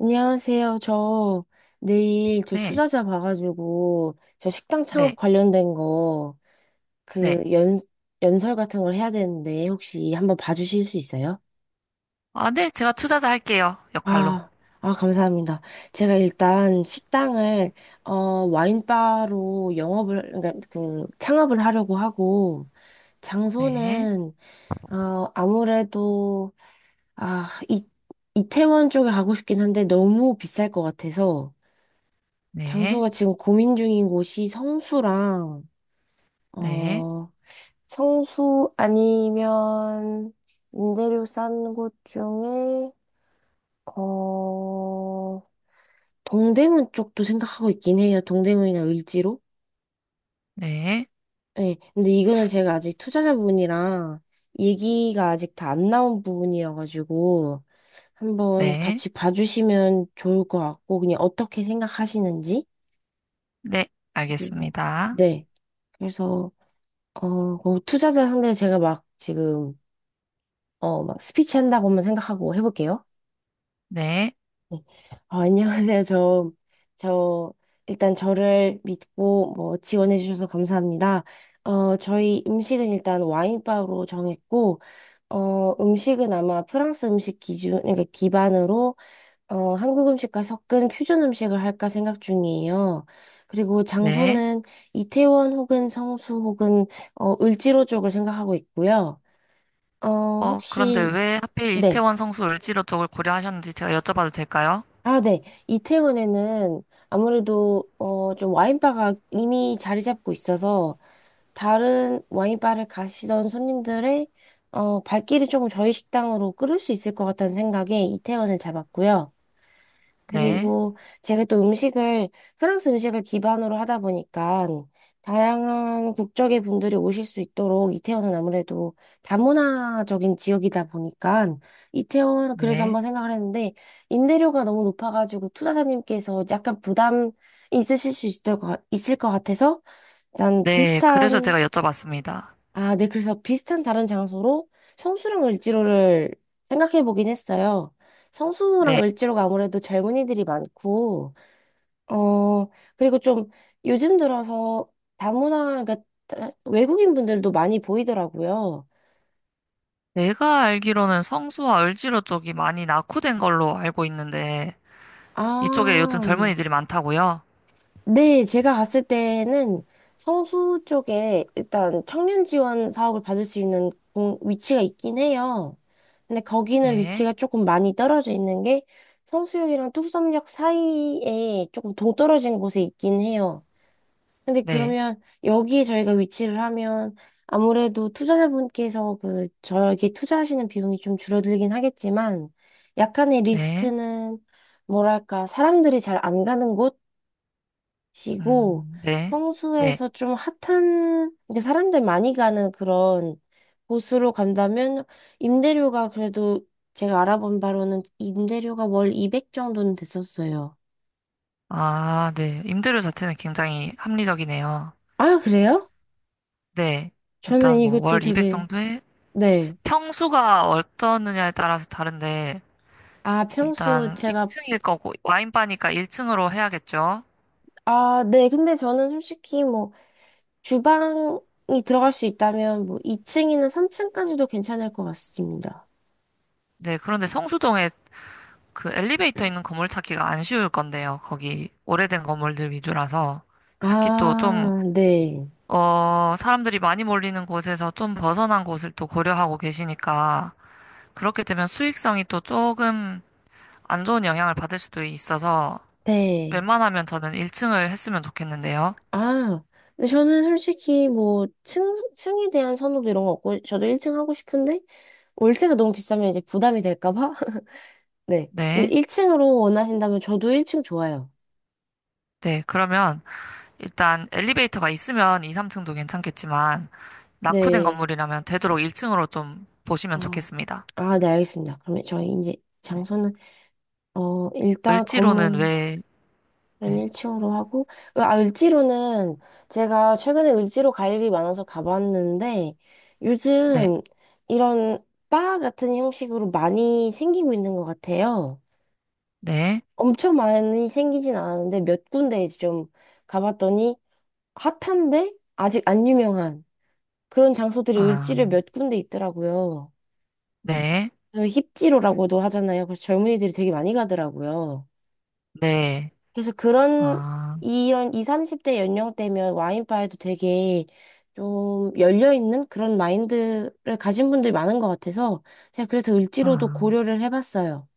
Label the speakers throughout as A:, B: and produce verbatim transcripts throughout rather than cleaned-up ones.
A: 안녕하세요. 저 내일 저
B: 네,
A: 투자자 봐가지고 저 식당 창업
B: 네,
A: 관련된 거
B: 네.
A: 그 연, 연설 같은 걸 해야 되는데 혹시 한번 봐주실 수 있어요?
B: 아, 네, 제가 투자자 할게요. 역할로.
A: 아, 아, 감사합니다. 제가 일단 식당을 어, 와인바로 영업을, 그러니까 그 창업을 하려고 하고,
B: 네,
A: 장소는 어, 아무래도 아, 이, 이태원 쪽에 가고 싶긴 한데 너무 비쌀 것 같아서.
B: 네,
A: 장소가 지금 고민 중인 곳이 성수랑,
B: 네,
A: 어, 성수 아니면 임대료 싼 곳 중에, 어, 동대문 쪽도 생각하고 있긴 해요. 동대문이나 을지로.
B: 네,
A: 네, 근데 이거는 제가 아직 투자자분이랑 얘기가 아직 다 안 나온 부분이어가지고, 한번
B: 네,
A: 같이 봐주시면 좋을 것 같고, 그냥 어떻게 생각하시는지.
B: 네,
A: 그리고,
B: 알겠습니다.
A: 네. 그래서, 어, 그럼 투자자 상대 제가 막 지금, 어, 막 스피치 한다고만 생각하고 해볼게요.
B: 네,
A: 네. 어, 안녕하세요. 저, 저, 일단 저를 믿고 뭐 지원해주셔서 감사합니다. 어, 저희 음식은 일단 와인바로 정했고, 어, 음식은 아마 프랑스 음식 기준, 그러니까 기반으로, 어, 한국 음식과 섞은 퓨전 음식을 할까 생각 중이에요. 그리고
B: 네.
A: 장소는 이태원 혹은 성수 혹은, 어, 을지로 쪽을 생각하고 있고요. 어,
B: 어, 그런데
A: 혹시,
B: 왜 하필
A: 네.
B: 이태원 성수 을지로 쪽을 고려하셨는지 제가 여쭤봐도 될까요?
A: 아, 네. 이태원에는 아무래도, 어, 좀 와인바가 이미 자리 잡고 있어서 다른 와인바를 가시던 손님들의, 어, 발길이 조금 저희 식당으로 끌을 수 있을 것 같다는 생각에 이태원을 잡았고요.
B: 네,
A: 그리고 제가 또 음식을, 프랑스 음식을 기반으로 하다 보니까 다양한 국적의 분들이 오실 수 있도록 이태원은 아무래도 다문화적인 지역이다 보니까 이태원, 그래서
B: 네,
A: 한번 생각을 했는데 임대료가 너무 높아가지고 투자자님께서 약간 부담이 있으실 수 있을 것, 같- 있을 것 같아서. 난
B: 네. 그래서
A: 비슷한,
B: 제가 여쭤봤습니다.
A: 아, 네, 그래서 비슷한 다른 장소로 성수랑 을지로를 생각해 보긴 했어요. 성수랑
B: 네.
A: 을지로가 아무래도 젊은이들이 많고, 어, 그리고 좀 요즘 들어서 다문화, 그러니까 외국인 분들도 많이 보이더라고요.
B: 내가 알기로는 성수와 을지로 쪽이 많이 낙후된 걸로 알고 있는데, 이쪽에 요즘
A: 아,
B: 젊은이들이 많다고요?
A: 네, 제가 갔을 때는 성수 쪽에 일단 청년 지원 사업을 받을 수 있는 공- 위치가 있긴 해요. 근데 거기는
B: 네,
A: 위치가 조금 많이 떨어져 있는 게, 성수역이랑 뚝섬역 사이에 조금 동떨어진 곳에 있긴 해요. 근데
B: 네,
A: 그러면 여기에 저희가 위치를 하면 아무래도 투자자분께서 그 저에게 투자하시는 비용이 좀 줄어들긴 하겠지만, 약간의
B: 네.
A: 리스크는 뭐랄까 사람들이 잘 안 가는 곳이고.
B: 음, 네. 네.
A: 성수에서 좀 핫한, 그러니까 사람들 많이 가는 그런 곳으로 간다면 임대료가 그래도, 제가 알아본 바로는 임대료가 월 이백 정도는 됐었어요.
B: 아, 네. 임대료 자체는 굉장히 합리적이네요.
A: 아, 그래요?
B: 네.
A: 저는
B: 일단 뭐
A: 이것도
B: 월 이백
A: 되게
B: 정도에
A: 네.
B: 평수가 어떠느냐에 따라서 다른데
A: 아, 평수
B: 일단
A: 제가
B: 일 층일 거고 와인바니까 일 층으로 해야겠죠.
A: 아, 네. 근데 저는 솔직히 뭐 주방이 들어갈 수 있다면 뭐 이 층이나 삼 층까지도 괜찮을 것 같습니다.
B: 네. 그런데 성수동에 그 엘리베이터 있는 건물 찾기가 안 쉬울 건데요. 거기 오래된 건물들 위주라서 특히 또 좀,
A: 아, 네.
B: 어, 사람들이 많이 몰리는 곳에서 좀 벗어난 곳을 또 고려하고 계시니까 그렇게 되면 수익성이 또 조금 안 좋은 영향을 받을 수도 있어서
A: 네.
B: 웬만하면 저는 일 층을 했으면 좋겠는데요.
A: 아, 근데 저는 솔직히 뭐 층, 층에 대한 선호도 이런 거 없고 저도 일 층 하고 싶은데 월세가 너무 비싸면 이제 부담이 될까 봐. 네. 근데
B: 네.
A: 일 층으로 원하신다면 저도 일 층 좋아요.
B: 네. 그러면 일단 엘리베이터가 있으면 이, 삼 층도 괜찮겠지만 낙후된
A: 네.
B: 건물이라면 되도록 일 층으로 좀 보시면
A: 어.
B: 좋겠습니다.
A: 아, 네, 알겠습니다. 그러면 저희 이제 장소는 어, 일단
B: 을지로는
A: 건물
B: 왜,
A: 난
B: 네.
A: 일 층으로 하고, 아, 을지로는 제가 최근에 을지로 갈 일이 많아서 가봤는데,
B: 네.
A: 요즘 이런 바 같은 형식으로 많이 생기고 있는 것 같아요.
B: 네.
A: 엄청 많이 생기진 않았는데, 몇 군데 이제 좀 가봤더니, 핫한데, 아직 안 유명한 그런 장소들이
B: 아,
A: 을지로에 몇 군데 있더라고요.
B: 네.
A: 그래서 힙지로라고도 하잖아요. 그래서 젊은이들이 되게 많이 가더라고요.
B: 네.
A: 그래서 그런
B: 아,
A: 이런 이십, 삼십 대 연령대면 와인바에도 되게 좀 열려있는 그런 마인드를 가진 분들이 많은 것 같아서 제가 그래서 을지로도
B: 아.
A: 고려를 해봤어요.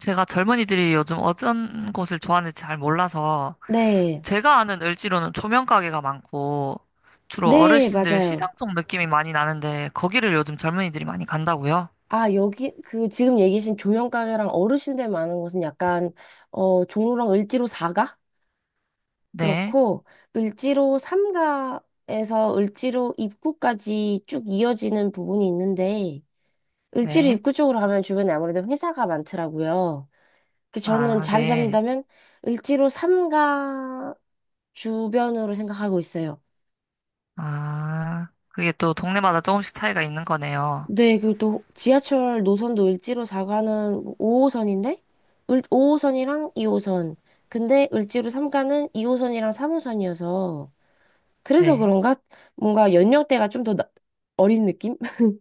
B: 제가 젊은이들이 요즘 어떤 곳을 좋아하는지 잘 몰라서
A: 네.
B: 제가 아는 을지로는 조명 가게가 많고 주로
A: 네,
B: 어르신들 시장
A: 맞아요.
B: 쪽 느낌이 많이 나는데 거기를 요즘 젊은이들이 많이 간다고요?
A: 아, 여기, 그, 지금 얘기하신 조형가게랑 어르신들 많은 곳은 약간, 어, 종로랑 을지로 사 가?
B: 네,
A: 그렇고, 을지로 삼 가에서 을지로 입구까지 쭉 이어지는 부분이 있는데, 을지로
B: 네,
A: 입구 쪽으로 가면 주변에 아무래도 회사가 많더라고요. 그 저는
B: 아,
A: 자리
B: 네,
A: 잡는다면 을지로 삼 가 주변으로 생각하고 있어요.
B: 아, 그게 또 동네마다 조금씩 차이가 있는 거네요.
A: 네, 그리고 또 지하철 노선도 을지로 사 가는 오 호선인데, 오 호선이랑 이 호선. 근데 을지로 삼 가는 이 호선이랑 삼 호선이어서, 그래서
B: 네,
A: 그런가 뭔가 연령대가 좀 더 어린 느낌?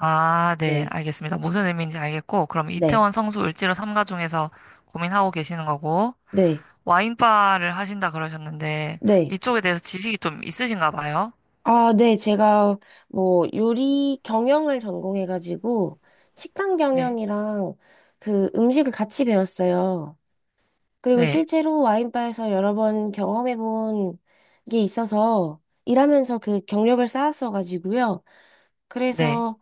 B: 아, 네,
A: 네.
B: 알겠습니다. 무슨 의미인지 알겠고 그럼
A: 네.
B: 이태원 성수 을지로 삼가 중에서 고민하고 계시는 거고
A: 네.
B: 와인바를 하신다 그러셨는데
A: 네.
B: 이쪽에 대해서 지식이 좀 있으신가 봐요?
A: 아, 네, 제가 뭐 요리 경영을 전공해가지고 식당
B: 네,
A: 경영이랑 그 음식을 같이 배웠어요. 그리고
B: 네,
A: 실제로 와인바에서 여러 번 경험해본 게 있어서 일하면서 그 경력을 쌓았어가지고요.
B: 네,
A: 그래서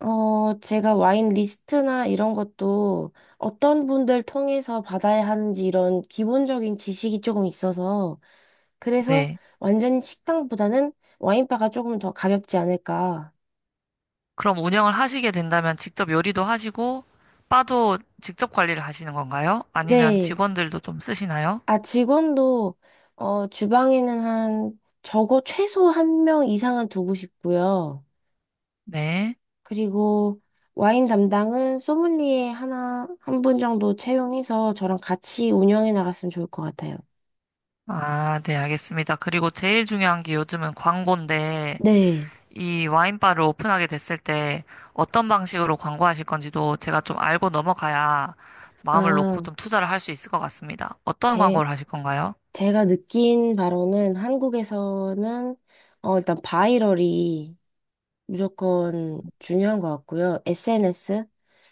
A: 어 제가 와인 리스트나 이런 것도 어떤 분들 통해서 받아야 하는지 이런 기본적인 지식이 조금 있어서. 그래서
B: 네.
A: 완전히 식당보다는 와인바가 조금 더 가볍지 않을까.
B: 그럼 운영을 하시게 된다면 직접 요리도 하시고, 바도 직접 관리를 하시는 건가요? 아니면
A: 네.
B: 직원들도 좀 쓰시나요?
A: 아, 직원도, 어, 주방에는 한, 적어 최소 한 명 이상은 두고 싶고요.
B: 네.
A: 그리고 와인 담당은 소믈리에 하나, 한 분 정도 채용해서 저랑 같이 운영해 나갔으면 좋을 것 같아요.
B: 아, 네, 알겠습니다. 그리고 제일 중요한 게 요즘은 광고인데,
A: 네.
B: 이 와인바를 오픈하게 됐을 때 어떤 방식으로 광고하실 건지도 제가 좀 알고 넘어가야 마음을 놓고
A: 아,
B: 좀 투자를 할 수 있을 것 같습니다. 어떤
A: 제,
B: 광고를 하실 건가요?
A: 제가 느낀 바로는 한국에서는, 어, 일단 바이럴이 무조건 중요한 것 같고요. 에스엔에스?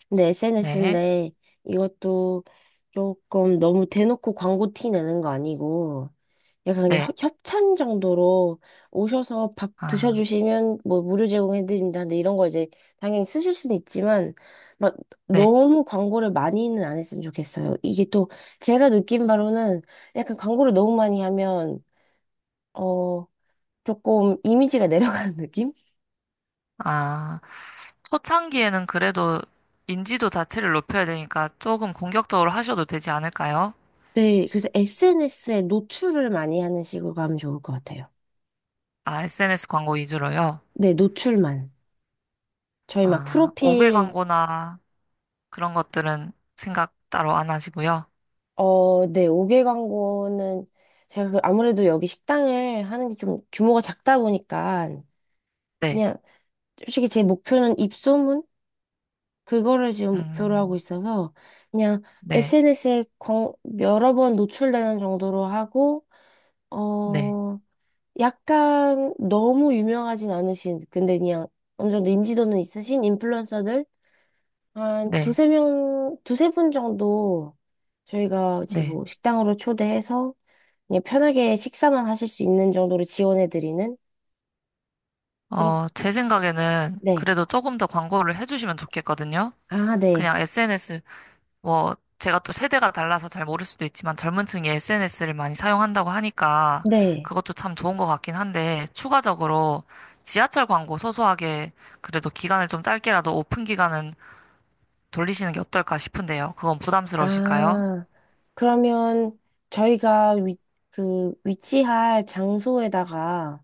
A: 근데
B: 네,
A: 에스엔에스인데 이것도 조금 너무 대놓고 광고 티 내는 거 아니고 약간 그냥
B: 네,
A: 협- 협찬 정도로 오셔서 밥
B: 아,
A: 드셔주시면 뭐 무료 제공해드립니다. 근데 이런 거 이제 당연히 쓰실 수는 있지만 막
B: 네,
A: 너무 광고를 많이는 안 했으면 좋겠어요. 이게 또 제가 느낀 바로는 약간 광고를 너무 많이 하면 어 조금 이미지가 내려가는 느낌?
B: 아. 초창기에는 그래도 인지도 자체를 높여야 되니까 조금 공격적으로 하셔도 되지 않을까요?
A: 네, 그래서 에스엔에스에 노출을 많이 하는 식으로 가면 좋을 것 같아요.
B: 아, 에스엔에스 광고 위주로요?
A: 네, 노출만. 저희 막
B: 아, 다섯 개
A: 프로필,
B: 광고나 그런 것들은 생각 따로 안 하시고요.
A: 어, 네, 오개 광고는 제가 그 아무래도 여기 식당을 하는 게 좀 규모가 작다 보니까
B: 네,
A: 그냥 솔직히 제 목표는 입소문? 그거를 지금 목표로 하고
B: 음,
A: 있어서 그냥
B: 네,
A: 에스엔에스에 여러 번 노출되는 정도로 하고,
B: 네,
A: 어, 약간 너무 유명하진 않으신, 근데 그냥 어느 정도 인지도는 있으신 인플루언서들 한
B: 네,
A: 두세 명, 두세 분 정도 저희가 이제
B: 네.
A: 뭐 식당으로 초대해서 그냥 편하게 식사만 하실 수 있는 정도로 지원해드리는? 그렇,
B: 어, 제 생각에는
A: 네.
B: 그래도 조금 더 광고를 해주시면 좋겠거든요.
A: 아, 네.
B: 그냥 에스엔에스 뭐, 제가 또 세대가 달라서 잘 모를 수도 있지만 젊은 층이 에스엔에스를 많이 사용한다고 하니까
A: 네.
B: 그것도 참 좋은 것 같긴 한데 추가적으로 지하철 광고 소소하게 그래도 기간을 좀 짧게라도 오픈 기간은 돌리시는 게 어떨까 싶은데요. 그건 부담스러우실까요?
A: 아, 그러면 저희가 위, 그 위치할 장소에다가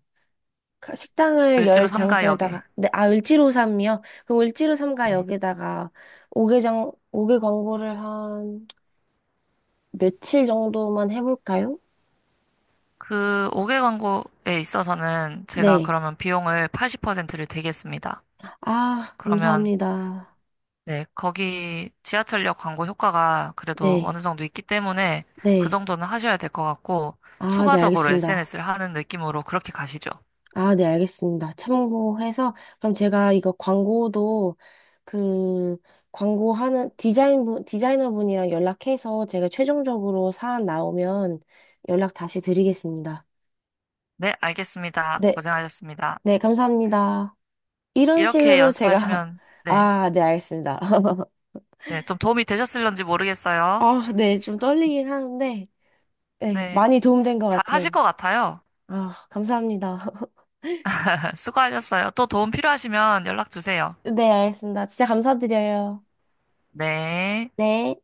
A: 가- 식당을
B: 을지로
A: 열
B: 삼가역에.
A: 장소에다가 네, 아, 을지로삼이요? 그럼 을지로삼가
B: 네.
A: 여기다가 오 개 장, 다섯 개 광고를 한 며칠 정도만 해볼까요?
B: 그 다섯 개 광고에 있어서는 제가
A: 네.
B: 그러면 비용을 팔십 퍼센트를 대겠습니다.
A: 아,
B: 그러면
A: 감사합니다.
B: 네, 거기 지하철역 광고 효과가 그래도
A: 네,
B: 어느 정도 있기 때문에 그
A: 네.
B: 정도는 하셔야 될 것 같고,
A: 아, 네,
B: 추가적으로
A: 알겠습니다.
B: 에스엔에스를 하는 느낌으로 그렇게 가시죠.
A: 아, 네, 알겠습니다. 참고해서, 그럼 제가 이거 광고도 그, 광고하는 디자인 분, 디자이너 분이랑 연락해서 제가 최종적으로 사안 나오면 연락 다시 드리겠습니다.
B: 네, 알겠습니다.
A: 네, 가-
B: 고생하셨습니다.
A: 네, 감사합니다. 이런
B: 이렇게
A: 식으로 제가,
B: 연습하시면, 네,
A: 아, 네, 알겠습니다.
B: 네, 좀 도움이 되셨을런지 모르겠어요.
A: 아, 네, 좀 떨리긴 하는데, 네,
B: 네,
A: 많이 도움된 것
B: 잘 하실
A: 같아요.
B: 것 같아요.
A: 아, 감사합니다.
B: 수고하셨어요. 또 도움 필요하시면 연락 주세요.
A: 네, 알겠습니다. 진짜 감사드려요.
B: 네.
A: 네.